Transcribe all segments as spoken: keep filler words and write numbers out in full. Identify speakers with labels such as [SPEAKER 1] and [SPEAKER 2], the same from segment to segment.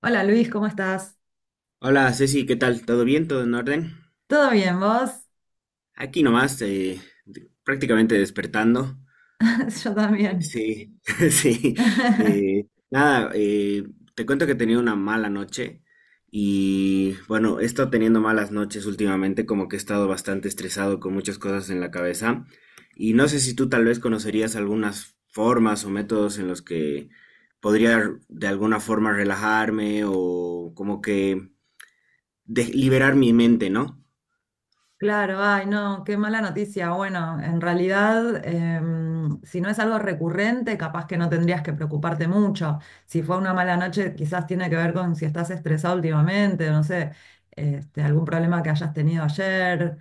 [SPEAKER 1] Hola Luis, ¿cómo estás?
[SPEAKER 2] Hola Ceci, ¿qué tal? ¿Todo bien? ¿Todo en orden?
[SPEAKER 1] ¿Todo bien, vos?
[SPEAKER 2] Aquí nomás, eh, de- prácticamente despertando.
[SPEAKER 1] Yo
[SPEAKER 2] Eh,
[SPEAKER 1] también.
[SPEAKER 2] sí, sí. eh, nada, eh, Te cuento que he tenido una mala noche y bueno, he estado teniendo malas noches últimamente, como que he estado bastante estresado con muchas cosas en la cabeza y no sé si tú tal vez conocerías algunas formas o métodos en los que podría de alguna forma relajarme o como que de- liberar mi mente, ¿no?
[SPEAKER 1] Claro, ay, no, qué mala noticia. Bueno, en realidad, em, si no es algo recurrente, capaz que no tendrías que preocuparte mucho. Si fue una mala noche, quizás tiene que ver con si estás estresado últimamente, no sé, este, algún problema que hayas tenido ayer,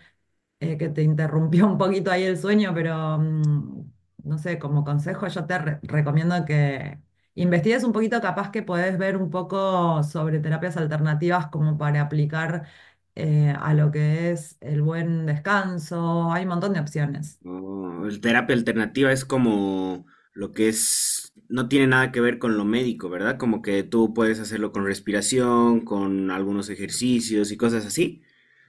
[SPEAKER 1] eh, que te interrumpió un poquito ahí el sueño, pero mm, no sé, como consejo yo te re- recomiendo que investigues un poquito, capaz que podés ver un poco sobre terapias alternativas como para aplicar eh, a lo que es el buen descanso. Hay un montón de opciones.
[SPEAKER 2] Oh, el terapia alternativa es como lo que es, no tiene nada que ver con lo médico, ¿verdad? Como que tú puedes hacerlo con respiración, con algunos ejercicios y cosas así.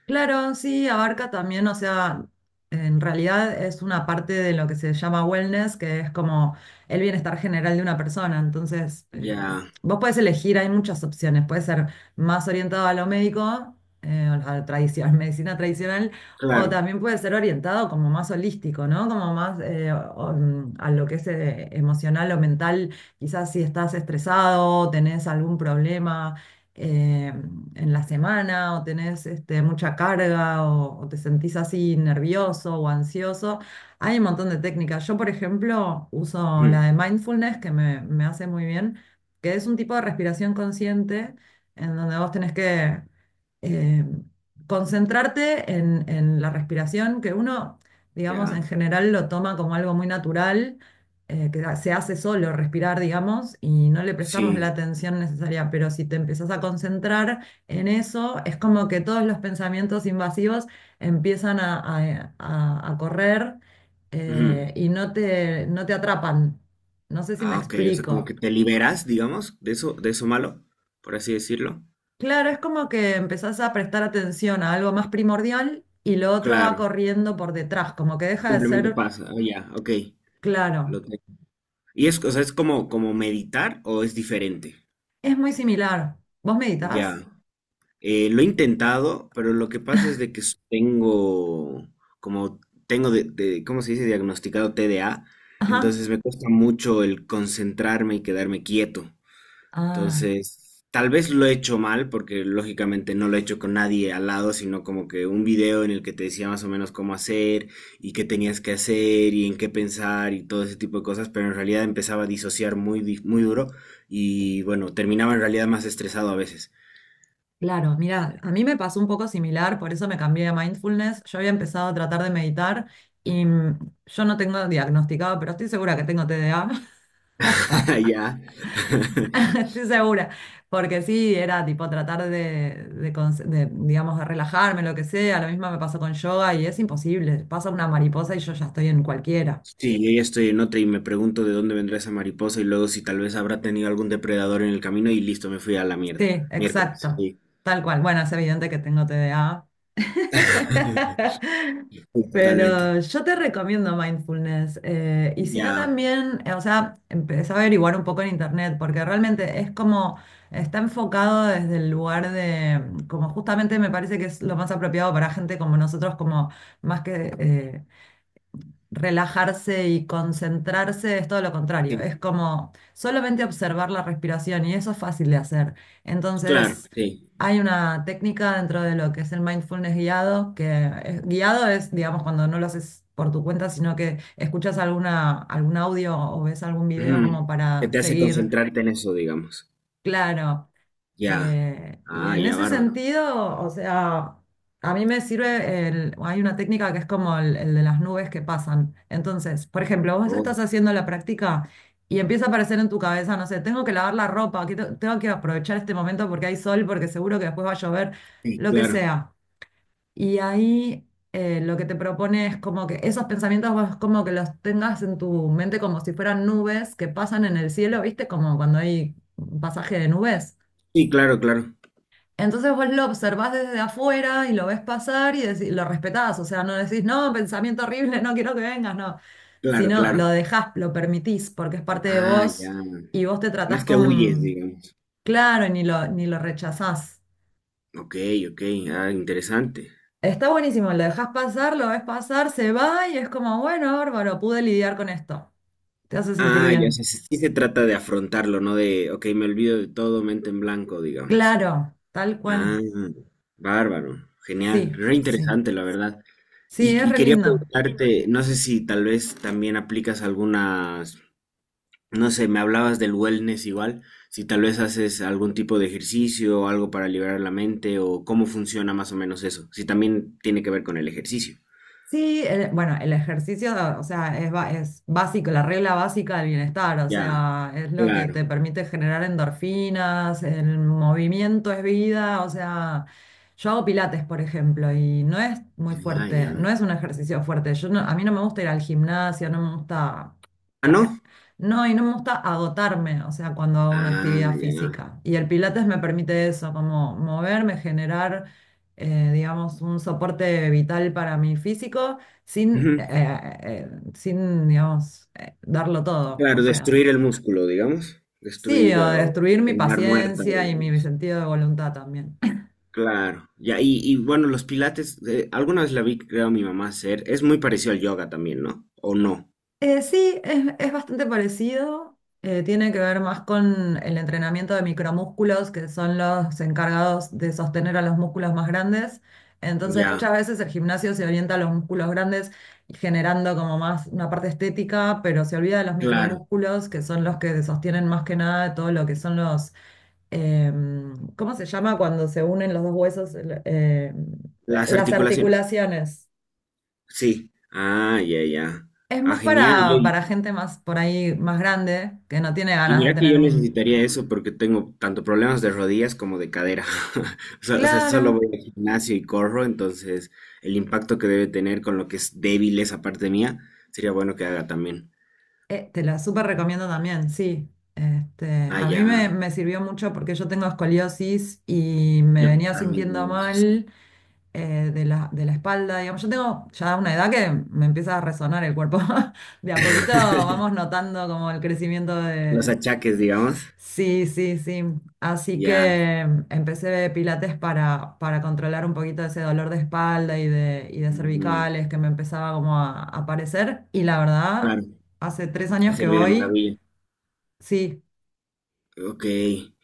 [SPEAKER 1] Claro, sí, abarca también, o sea, en realidad es una parte de lo que se llama wellness, que es como el bienestar general de una persona. Entonces, eh,
[SPEAKER 2] Ya,
[SPEAKER 1] vos podés elegir, hay muchas opciones. Puede ser más orientado a lo médico, eh, a la tradición, medicina tradicional, o
[SPEAKER 2] claro.
[SPEAKER 1] también puede ser orientado como más holístico, ¿no? Como más eh, o- mm, a lo que es eh, emocional o mental. Quizás si estás estresado, tenés algún problema. eh, en la semana o tenés este, mucha carga o, o te sentís así nervioso o ansioso. Hay un montón de técnicas. Yo, por ejemplo, uso la
[SPEAKER 2] Ujú.
[SPEAKER 1] de mindfulness que me, me hace muy bien, que es un tipo de respiración consciente en donde vos tenés que eh, concentrarte en, en la respiración, que uno, digamos, en
[SPEAKER 2] Ya,
[SPEAKER 1] general lo toma como algo muy natural, eh, que se hace solo respirar, digamos, y no le prestamos la
[SPEAKER 2] sí.
[SPEAKER 1] atención necesaria, pero si te empezás a concentrar en eso, es como que todos los pensamientos invasivos empiezan a, a- a- a correr
[SPEAKER 2] Ujú.
[SPEAKER 1] eh, y no te, no te atrapan. No sé si me
[SPEAKER 2] Ah, ok, o sea, como que
[SPEAKER 1] explico.
[SPEAKER 2] te liberas, digamos, de eso, de eso malo, por así decirlo.
[SPEAKER 1] Claro, es como que empezás a prestar atención a algo más primordial y lo otro va
[SPEAKER 2] Claro,
[SPEAKER 1] corriendo por detrás, como que deja de
[SPEAKER 2] simplemente
[SPEAKER 1] ser
[SPEAKER 2] pasa. Ah, ya, ok.
[SPEAKER 1] claro.
[SPEAKER 2] Lo tengo. Y es, o sea, es como, como meditar o es diferente.
[SPEAKER 1] Es muy similar. ¿Vos meditas?
[SPEAKER 2] Ya. Eh, lo he intentado, pero lo que pasa es de que s- tengo, como tengo de, de- ¿cómo se dice? Diagnosticado T D A,
[SPEAKER 1] Ajá.
[SPEAKER 2] entonces me cuesta mucho el concentrarme y quedarme quieto.
[SPEAKER 1] Ah.
[SPEAKER 2] Entonces, tal vez lo he hecho mal, porque lógicamente no lo he hecho con nadie al lado, sino como que un video en el que te decía más o menos cómo hacer y qué tenías que hacer y en qué pensar y todo ese tipo de cosas, pero en realidad empezaba a disociar muy, di- muy duro y bueno, terminaba en realidad más estresado a veces.
[SPEAKER 1] Claro, mira, a mí me pasó un poco similar, por eso me cambié a mindfulness. Yo había empezado a tratar de meditar y mm, yo no tengo diagnosticado, pero estoy segura que tengo T D A,
[SPEAKER 2] Ya.
[SPEAKER 1] estoy segura, porque sí, era tipo tratar de, de cons- de, digamos, de relajarme, lo que sea. Lo mismo me pasó con yoga y es imposible. Pasa una mariposa y yo ya estoy en cualquiera.
[SPEAKER 2] Sí, yo ya estoy en otra y me pregunto de dónde vendrá esa mariposa y luego si tal vez habrá tenido algún depredador en el camino y listo, me fui a la
[SPEAKER 1] Sí,
[SPEAKER 2] mierda. Miércoles,
[SPEAKER 1] exacto,
[SPEAKER 2] sí.
[SPEAKER 1] tal cual. Bueno, es evidente que tengo T D A.
[SPEAKER 2] Sí, totalmente.
[SPEAKER 1] Pero yo te recomiendo mindfulness. Eh, y si no
[SPEAKER 2] Ya,
[SPEAKER 1] también, eh, o sea, empecé a averiguar un poco en internet, porque realmente es como, está enfocado desde el lugar de, como justamente me parece que es lo más apropiado para gente como nosotros, como más que eh, relajarse y concentrarse es todo lo contrario. Es
[SPEAKER 2] sí,
[SPEAKER 1] como solamente observar la respiración y eso es fácil de hacer.
[SPEAKER 2] claro,
[SPEAKER 1] Entonces,
[SPEAKER 2] sí.
[SPEAKER 1] hay una técnica dentro de lo que es el mindfulness guiado, que es- guiado es, digamos, cuando no lo haces por tu cuenta, sino que escuchas alguna, algún audio o ves algún video como
[SPEAKER 2] Ujú. Que
[SPEAKER 1] para
[SPEAKER 2] te hace
[SPEAKER 1] seguir.
[SPEAKER 2] concentrarte en eso, digamos.
[SPEAKER 1] Claro,
[SPEAKER 2] Ya.
[SPEAKER 1] eh, y
[SPEAKER 2] Ah,
[SPEAKER 1] en
[SPEAKER 2] ya,
[SPEAKER 1] ese
[SPEAKER 2] bárbaro.
[SPEAKER 1] sentido, o sea, a mí me sirve, el- hay una técnica que es como el, el de las nubes que pasan. Entonces, por ejemplo, vos estás
[SPEAKER 2] Oh,
[SPEAKER 1] haciendo la práctica y empieza a aparecer en tu cabeza, no sé, tengo que lavar la ropa, que te- tengo que aprovechar este momento porque hay sol, porque seguro que después va a llover,
[SPEAKER 2] sí,
[SPEAKER 1] lo que
[SPEAKER 2] claro.
[SPEAKER 1] sea. Y ahí eh, lo que te propone es como que esos pensamientos vos como que los tengas en tu mente como si fueran nubes que pasan en el cielo, ¿viste? Como cuando hay un pasaje de nubes.
[SPEAKER 2] Sí, claro, claro.
[SPEAKER 1] Entonces vos lo observás desde afuera y lo ves pasar y decí- lo respetás, o sea, no decís, no, pensamiento horrible, no quiero que vengas, no,
[SPEAKER 2] Claro,
[SPEAKER 1] sino lo
[SPEAKER 2] claro.
[SPEAKER 1] dejás, lo permitís, porque es parte de
[SPEAKER 2] Ah,
[SPEAKER 1] vos
[SPEAKER 2] ya. No
[SPEAKER 1] y vos te tratás
[SPEAKER 2] es que huyes,
[SPEAKER 1] con,
[SPEAKER 2] digamos.
[SPEAKER 1] claro, y ni lo, ni lo rechazás.
[SPEAKER 2] Ok, ok. Ah, interesante.
[SPEAKER 1] Está buenísimo, lo dejás pasar, lo ves pasar, se va y es como, bueno, bárbaro, pude lidiar con esto. Te hace sentir
[SPEAKER 2] Ah, ya, o
[SPEAKER 1] bien.
[SPEAKER 2] sea, sí, sí se trata de afrontarlo, ¿no? De, ok, me olvido de todo, mente en blanco, digamos.
[SPEAKER 1] Claro, tal
[SPEAKER 2] Ah,
[SPEAKER 1] cual.
[SPEAKER 2] bárbaro, genial,
[SPEAKER 1] Sí,
[SPEAKER 2] re
[SPEAKER 1] sí.
[SPEAKER 2] interesante, la verdad.
[SPEAKER 1] Sí,
[SPEAKER 2] Y,
[SPEAKER 1] es
[SPEAKER 2] y
[SPEAKER 1] re
[SPEAKER 2] quería
[SPEAKER 1] lindo.
[SPEAKER 2] preguntarte, no sé si tal vez también aplicas algunas, no sé, me hablabas del wellness igual, si tal vez haces algún tipo de ejercicio o algo para liberar la mente o cómo funciona más o menos eso, si también tiene que ver con el ejercicio.
[SPEAKER 1] Sí, el- bueno, el ejercicio, o sea, es, ba- es básico, la regla básica del bienestar, o
[SPEAKER 2] Ya,
[SPEAKER 1] sea, es lo que
[SPEAKER 2] claro.
[SPEAKER 1] te permite generar endorfinas, el movimiento es vida, o sea, yo hago pilates, por ejemplo, y no es muy
[SPEAKER 2] Ah, ya.
[SPEAKER 1] fuerte, no es un ejercicio fuerte. Yo no- a mí no me gusta ir al gimnasio, no me gusta,
[SPEAKER 2] Ah,
[SPEAKER 1] ca-
[SPEAKER 2] ¿no?
[SPEAKER 1] eh, no, y no me gusta agotarme, o sea, cuando hago una
[SPEAKER 2] Ah,
[SPEAKER 1] actividad
[SPEAKER 2] ya.
[SPEAKER 1] física. Y el pilates me permite eso, como moverme, generar eh, digamos, un soporte vital para mi físico sin, eh, eh, sin, digamos, eh, darlo todo. O
[SPEAKER 2] Claro,
[SPEAKER 1] sea,
[SPEAKER 2] destruir el músculo, digamos,
[SPEAKER 1] sí,
[SPEAKER 2] destruir
[SPEAKER 1] o
[SPEAKER 2] eh, o
[SPEAKER 1] destruir mi
[SPEAKER 2] terminar muerta,
[SPEAKER 1] paciencia y mi
[SPEAKER 2] digamos.
[SPEAKER 1] sentido de voluntad también.
[SPEAKER 2] Claro, ya, y, y bueno, los pilates, eh, alguna vez la vi, creo, a mi mamá hacer, es muy parecido al yoga también, ¿no? ¿O no?
[SPEAKER 1] Eh, sí, es, es bastante parecido. Eh, tiene que ver más con el entrenamiento de micromúsculos, que son los encargados de sostener a los músculos más grandes. Entonces,
[SPEAKER 2] Ya,
[SPEAKER 1] muchas veces el gimnasio se orienta a los músculos grandes, generando como más una parte estética, pero se olvida de los
[SPEAKER 2] claro,
[SPEAKER 1] micromúsculos, que son los que sostienen más que nada todo lo que son los, em, ¿cómo se llama cuando se unen los dos huesos? El- em,
[SPEAKER 2] las
[SPEAKER 1] las
[SPEAKER 2] articulaciones,
[SPEAKER 1] articulaciones.
[SPEAKER 2] sí. Ah, ya, ya.
[SPEAKER 1] Es
[SPEAKER 2] Ah,
[SPEAKER 1] más
[SPEAKER 2] genial.
[SPEAKER 1] para,
[SPEAKER 2] Y,
[SPEAKER 1] para gente más por ahí más grande que no tiene
[SPEAKER 2] y
[SPEAKER 1] ganas de
[SPEAKER 2] mira que
[SPEAKER 1] tener
[SPEAKER 2] yo
[SPEAKER 1] un...
[SPEAKER 2] necesitaría eso porque tengo tanto problemas de rodillas como de cadera. O sea, o sea,
[SPEAKER 1] Claro,
[SPEAKER 2] solo voy al gimnasio y corro, entonces el impacto que debe tener con lo que es débil esa parte mía, sería bueno que haga también.
[SPEAKER 1] eh, te la súper recomiendo también, sí. Este,
[SPEAKER 2] Ah,
[SPEAKER 1] a mí me,
[SPEAKER 2] ya.
[SPEAKER 1] me sirvió mucho porque yo tengo escoliosis y me
[SPEAKER 2] Yo
[SPEAKER 1] venía
[SPEAKER 2] también
[SPEAKER 1] sintiendo
[SPEAKER 2] tengo esos, sí.
[SPEAKER 1] mal eh, de la, de la espalda. Digamos, yo tengo ya una edad que me empieza a resonar el cuerpo. De a poquito vamos notando como el crecimiento
[SPEAKER 2] Los
[SPEAKER 1] de
[SPEAKER 2] achaques, digamos.
[SPEAKER 1] Sí, sí, sí. Así
[SPEAKER 2] Ya.
[SPEAKER 1] que em, empecé pilates para, para controlar un poquito ese dolor de espalda y de, y de
[SPEAKER 2] Mm,
[SPEAKER 1] cervicales que me empezaba como a, a aparecer. Y la verdad,
[SPEAKER 2] claro,
[SPEAKER 1] hace tres
[SPEAKER 2] te
[SPEAKER 1] años que
[SPEAKER 2] sirve de
[SPEAKER 1] voy,
[SPEAKER 2] maravilla.
[SPEAKER 1] sí,
[SPEAKER 2] Ok.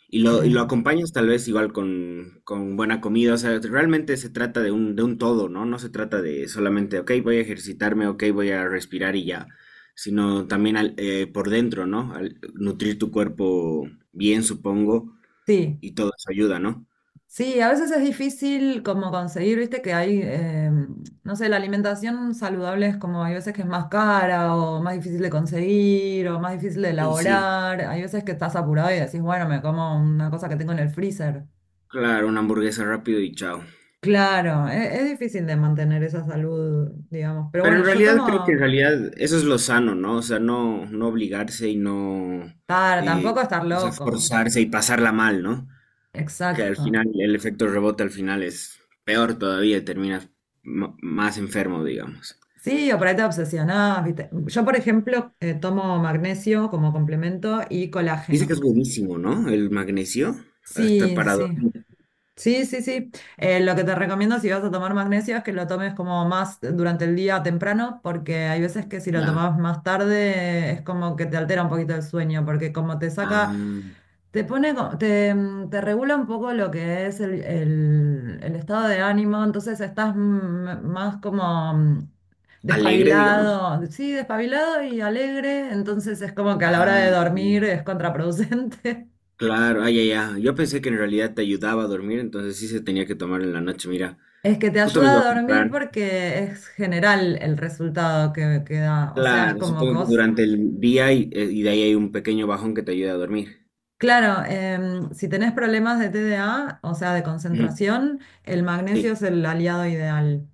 [SPEAKER 2] Y lo, y lo
[SPEAKER 1] eh,
[SPEAKER 2] acompañas tal vez igual con, con buena comida. O sea, realmente se trata de un, de un todo, ¿no? No se trata de solamente, ok, voy a ejercitarme, ok, voy a respirar y ya. Sino también al- eh, por dentro, ¿no? Al nutrir tu cuerpo bien, supongo.
[SPEAKER 1] sí,
[SPEAKER 2] Y todo eso ayuda, ¿no?
[SPEAKER 1] sí, a veces es difícil como conseguir, viste, que hay, eh, no sé, la alimentación saludable es como hay veces que es más cara o más difícil de conseguir o más difícil de
[SPEAKER 2] Y sí,
[SPEAKER 1] elaborar. Hay veces que estás apurado y decís, bueno, me como una cosa que tengo en el freezer.
[SPEAKER 2] claro, una hamburguesa rápido y chao.
[SPEAKER 1] Claro, e- es difícil de mantener esa salud, digamos. Pero
[SPEAKER 2] Pero
[SPEAKER 1] bueno,
[SPEAKER 2] en
[SPEAKER 1] yo
[SPEAKER 2] realidad creo que en
[SPEAKER 1] tomo
[SPEAKER 2] realidad eso es lo sano, ¿no? O sea, no, no obligarse y no
[SPEAKER 1] para
[SPEAKER 2] eh,
[SPEAKER 1] tampoco estar
[SPEAKER 2] o sea,
[SPEAKER 1] loco.
[SPEAKER 2] forzarse y pasarla mal, ¿no? Que al
[SPEAKER 1] Exacto.
[SPEAKER 2] final el efecto rebote al final es peor todavía, y terminas m- más enfermo, digamos.
[SPEAKER 1] Sí, o por ahí te obsesionás, ¿viste? Yo, por ejemplo, eh, tomo magnesio como complemento y
[SPEAKER 2] Dice que es
[SPEAKER 1] colágeno.
[SPEAKER 2] buenísimo, ¿no? El magnesio, hasta
[SPEAKER 1] Sí,
[SPEAKER 2] para
[SPEAKER 1] sí.
[SPEAKER 2] dormir.
[SPEAKER 1] Sí, sí, sí. Eh, lo que te recomiendo si vas a tomar magnesio es que lo tomes como más durante el día temprano, porque hay veces que si lo
[SPEAKER 2] Ya.
[SPEAKER 1] tomas más tarde es como que te altera un poquito el sueño, porque como te saca.
[SPEAKER 2] Ah,
[SPEAKER 1] Te pone, co- te, mm, te regula un poco lo que es el, el- el estado de ánimo, entonces estás mm, más como mm,
[SPEAKER 2] alegre, digamos.
[SPEAKER 1] despabilado, sí, despabilado y alegre, entonces es como que a la hora
[SPEAKER 2] Ah,
[SPEAKER 1] de dormir
[SPEAKER 2] mm,
[SPEAKER 1] es contraproducente.
[SPEAKER 2] claro, ah, ya, ya. Yo pensé que en realidad te ayudaba a dormir, entonces sí se tenía que tomar en la noche. Mira,
[SPEAKER 1] Es que te
[SPEAKER 2] justo me
[SPEAKER 1] ayuda
[SPEAKER 2] iba a
[SPEAKER 1] a dormir
[SPEAKER 2] comprar.
[SPEAKER 1] porque es general el resultado que, que da, o sea, es
[SPEAKER 2] Claro,
[SPEAKER 1] como que
[SPEAKER 2] supongo que
[SPEAKER 1] vos,
[SPEAKER 2] durante el día y, eh, y de ahí hay un pequeño bajón que te ayuda a dormir.
[SPEAKER 1] claro, em, si tenés problemas de T D A, o sea, de
[SPEAKER 2] Ujú.
[SPEAKER 1] concentración, el magnesio
[SPEAKER 2] Sí.
[SPEAKER 1] es el aliado ideal.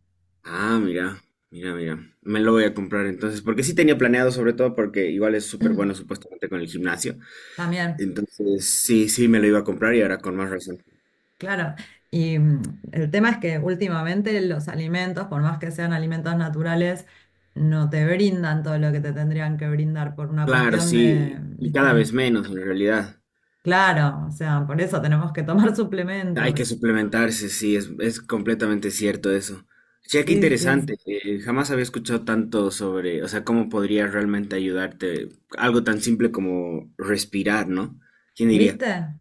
[SPEAKER 2] Ah, mira, mira, mira. Me lo voy a comprar entonces, porque sí tenía planeado, sobre todo porque igual es súper bueno supuestamente con el gimnasio.
[SPEAKER 1] También.
[SPEAKER 2] Entonces, sí, sí, me lo iba a comprar y ahora con más razón.
[SPEAKER 1] Claro, y mm, el tema es que últimamente los alimentos, por más que sean alimentos naturales, no te brindan todo lo que te tendrían que brindar por una
[SPEAKER 2] Claro,
[SPEAKER 1] cuestión de,
[SPEAKER 2] sí, y cada
[SPEAKER 1] ¿viste?
[SPEAKER 2] vez menos en realidad.
[SPEAKER 1] Claro, o sea, por eso tenemos que tomar
[SPEAKER 2] Hay que
[SPEAKER 1] suplementos.
[SPEAKER 2] suplementarse, sí, es, es completamente cierto eso. Che, qué
[SPEAKER 1] Sí, sí.
[SPEAKER 2] interesante. Eh, jamás había escuchado tanto sobre, o sea, cómo podría realmente ayudarte algo tan simple como respirar, ¿no? ¿Quién diría?
[SPEAKER 1] ¿Viste?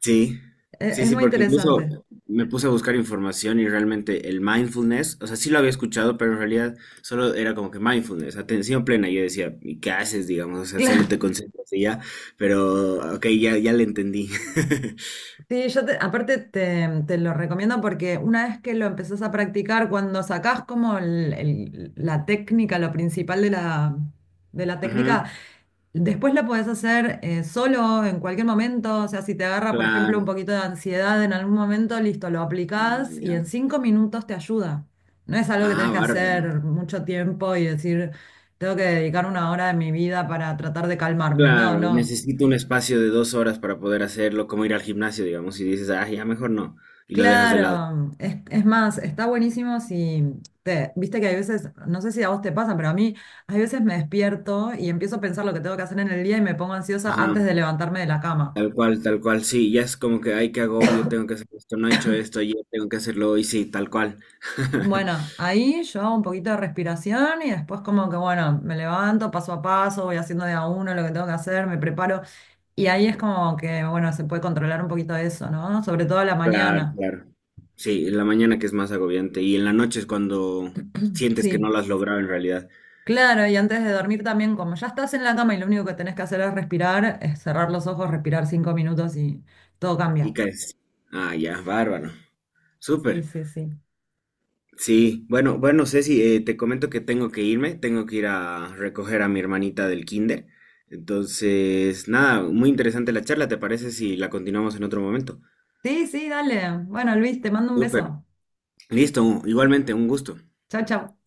[SPEAKER 2] Sí,
[SPEAKER 1] E-
[SPEAKER 2] sí,
[SPEAKER 1] Es
[SPEAKER 2] sí,
[SPEAKER 1] muy
[SPEAKER 2] porque incluso
[SPEAKER 1] interesante.
[SPEAKER 2] me puse a buscar información y realmente el mindfulness, o sea, sí lo había escuchado, pero en realidad solo era como que mindfulness, atención plena. Y yo decía, ¿y qué haces, digamos? O sea, solo te
[SPEAKER 1] Claro.
[SPEAKER 2] concentras y ya, pero ok, ya, ya le entendí.
[SPEAKER 1] Sí, yo te- aparte te, te lo recomiendo porque una vez que lo empezás a practicar, cuando sacás como el- el- la técnica, lo principal de la, de la técnica,
[SPEAKER 2] Ujú,
[SPEAKER 1] después lo podés hacer eh, solo en cualquier momento, o sea, si te agarra, por ejemplo, un
[SPEAKER 2] claro.
[SPEAKER 1] poquito de ansiedad en algún momento, listo, lo
[SPEAKER 2] Ah,
[SPEAKER 1] aplicás y
[SPEAKER 2] ya.
[SPEAKER 1] en cinco minutos te ayuda. No es algo que tenés
[SPEAKER 2] Ah,
[SPEAKER 1] que
[SPEAKER 2] bárbaro.
[SPEAKER 1] hacer mucho tiempo y decir, tengo que dedicar una hora de mi vida para tratar de calmarme. No,
[SPEAKER 2] Claro,
[SPEAKER 1] no.
[SPEAKER 2] necesito un espacio de dos horas para poder hacerlo, como ir al gimnasio, digamos, y dices, ah, ya mejor no, y lo dejas de lado.
[SPEAKER 1] Claro, es, es más, está buenísimo si te, viste que hay veces, no sé si a vos te pasa, pero a mí hay veces me despierto y empiezo a pensar lo que tengo que hacer en el día y me pongo ansiosa
[SPEAKER 2] Ajá,
[SPEAKER 1] antes de levantarme de la cama.
[SPEAKER 2] tal cual, tal cual, sí, ya es como que, ay, qué agobio, tengo que hacer esto, no he hecho esto ayer, tengo que hacerlo hoy, sí, tal cual.
[SPEAKER 1] Bueno, ahí yo hago un poquito de respiración y después como que, bueno, me levanto paso a paso, voy haciendo de a uno lo que tengo que hacer, me preparo. Y ahí es como que, bueno, se puede controlar un poquito eso, ¿no? Sobre todo a la
[SPEAKER 2] Claro,
[SPEAKER 1] mañana.
[SPEAKER 2] claro. Sí, en la mañana que es más agobiante, y en la noche es cuando sientes que no
[SPEAKER 1] Sí,
[SPEAKER 2] lo has logrado en realidad,
[SPEAKER 1] claro, y antes de dormir también, como ya estás en la cama y lo único que tenés que hacer es respirar, es cerrar los ojos, respirar cinco minutos y todo
[SPEAKER 2] y
[SPEAKER 1] cambia.
[SPEAKER 2] caes. Ah, ya, bárbaro.
[SPEAKER 1] Sí,
[SPEAKER 2] Súper.
[SPEAKER 1] sí, sí.
[SPEAKER 2] Sí, bueno, bueno, Ceci, eh, te comento que tengo que irme, tengo que ir a recoger a mi hermanita del kinder. Entonces, nada, muy interesante la charla, ¿te parece si la continuamos en otro momento?
[SPEAKER 1] Sí, sí, dale. Bueno, Luis, te mando un
[SPEAKER 2] Súper.
[SPEAKER 1] beso.
[SPEAKER 2] Listo, igualmente, un gusto.
[SPEAKER 1] Chao, chao.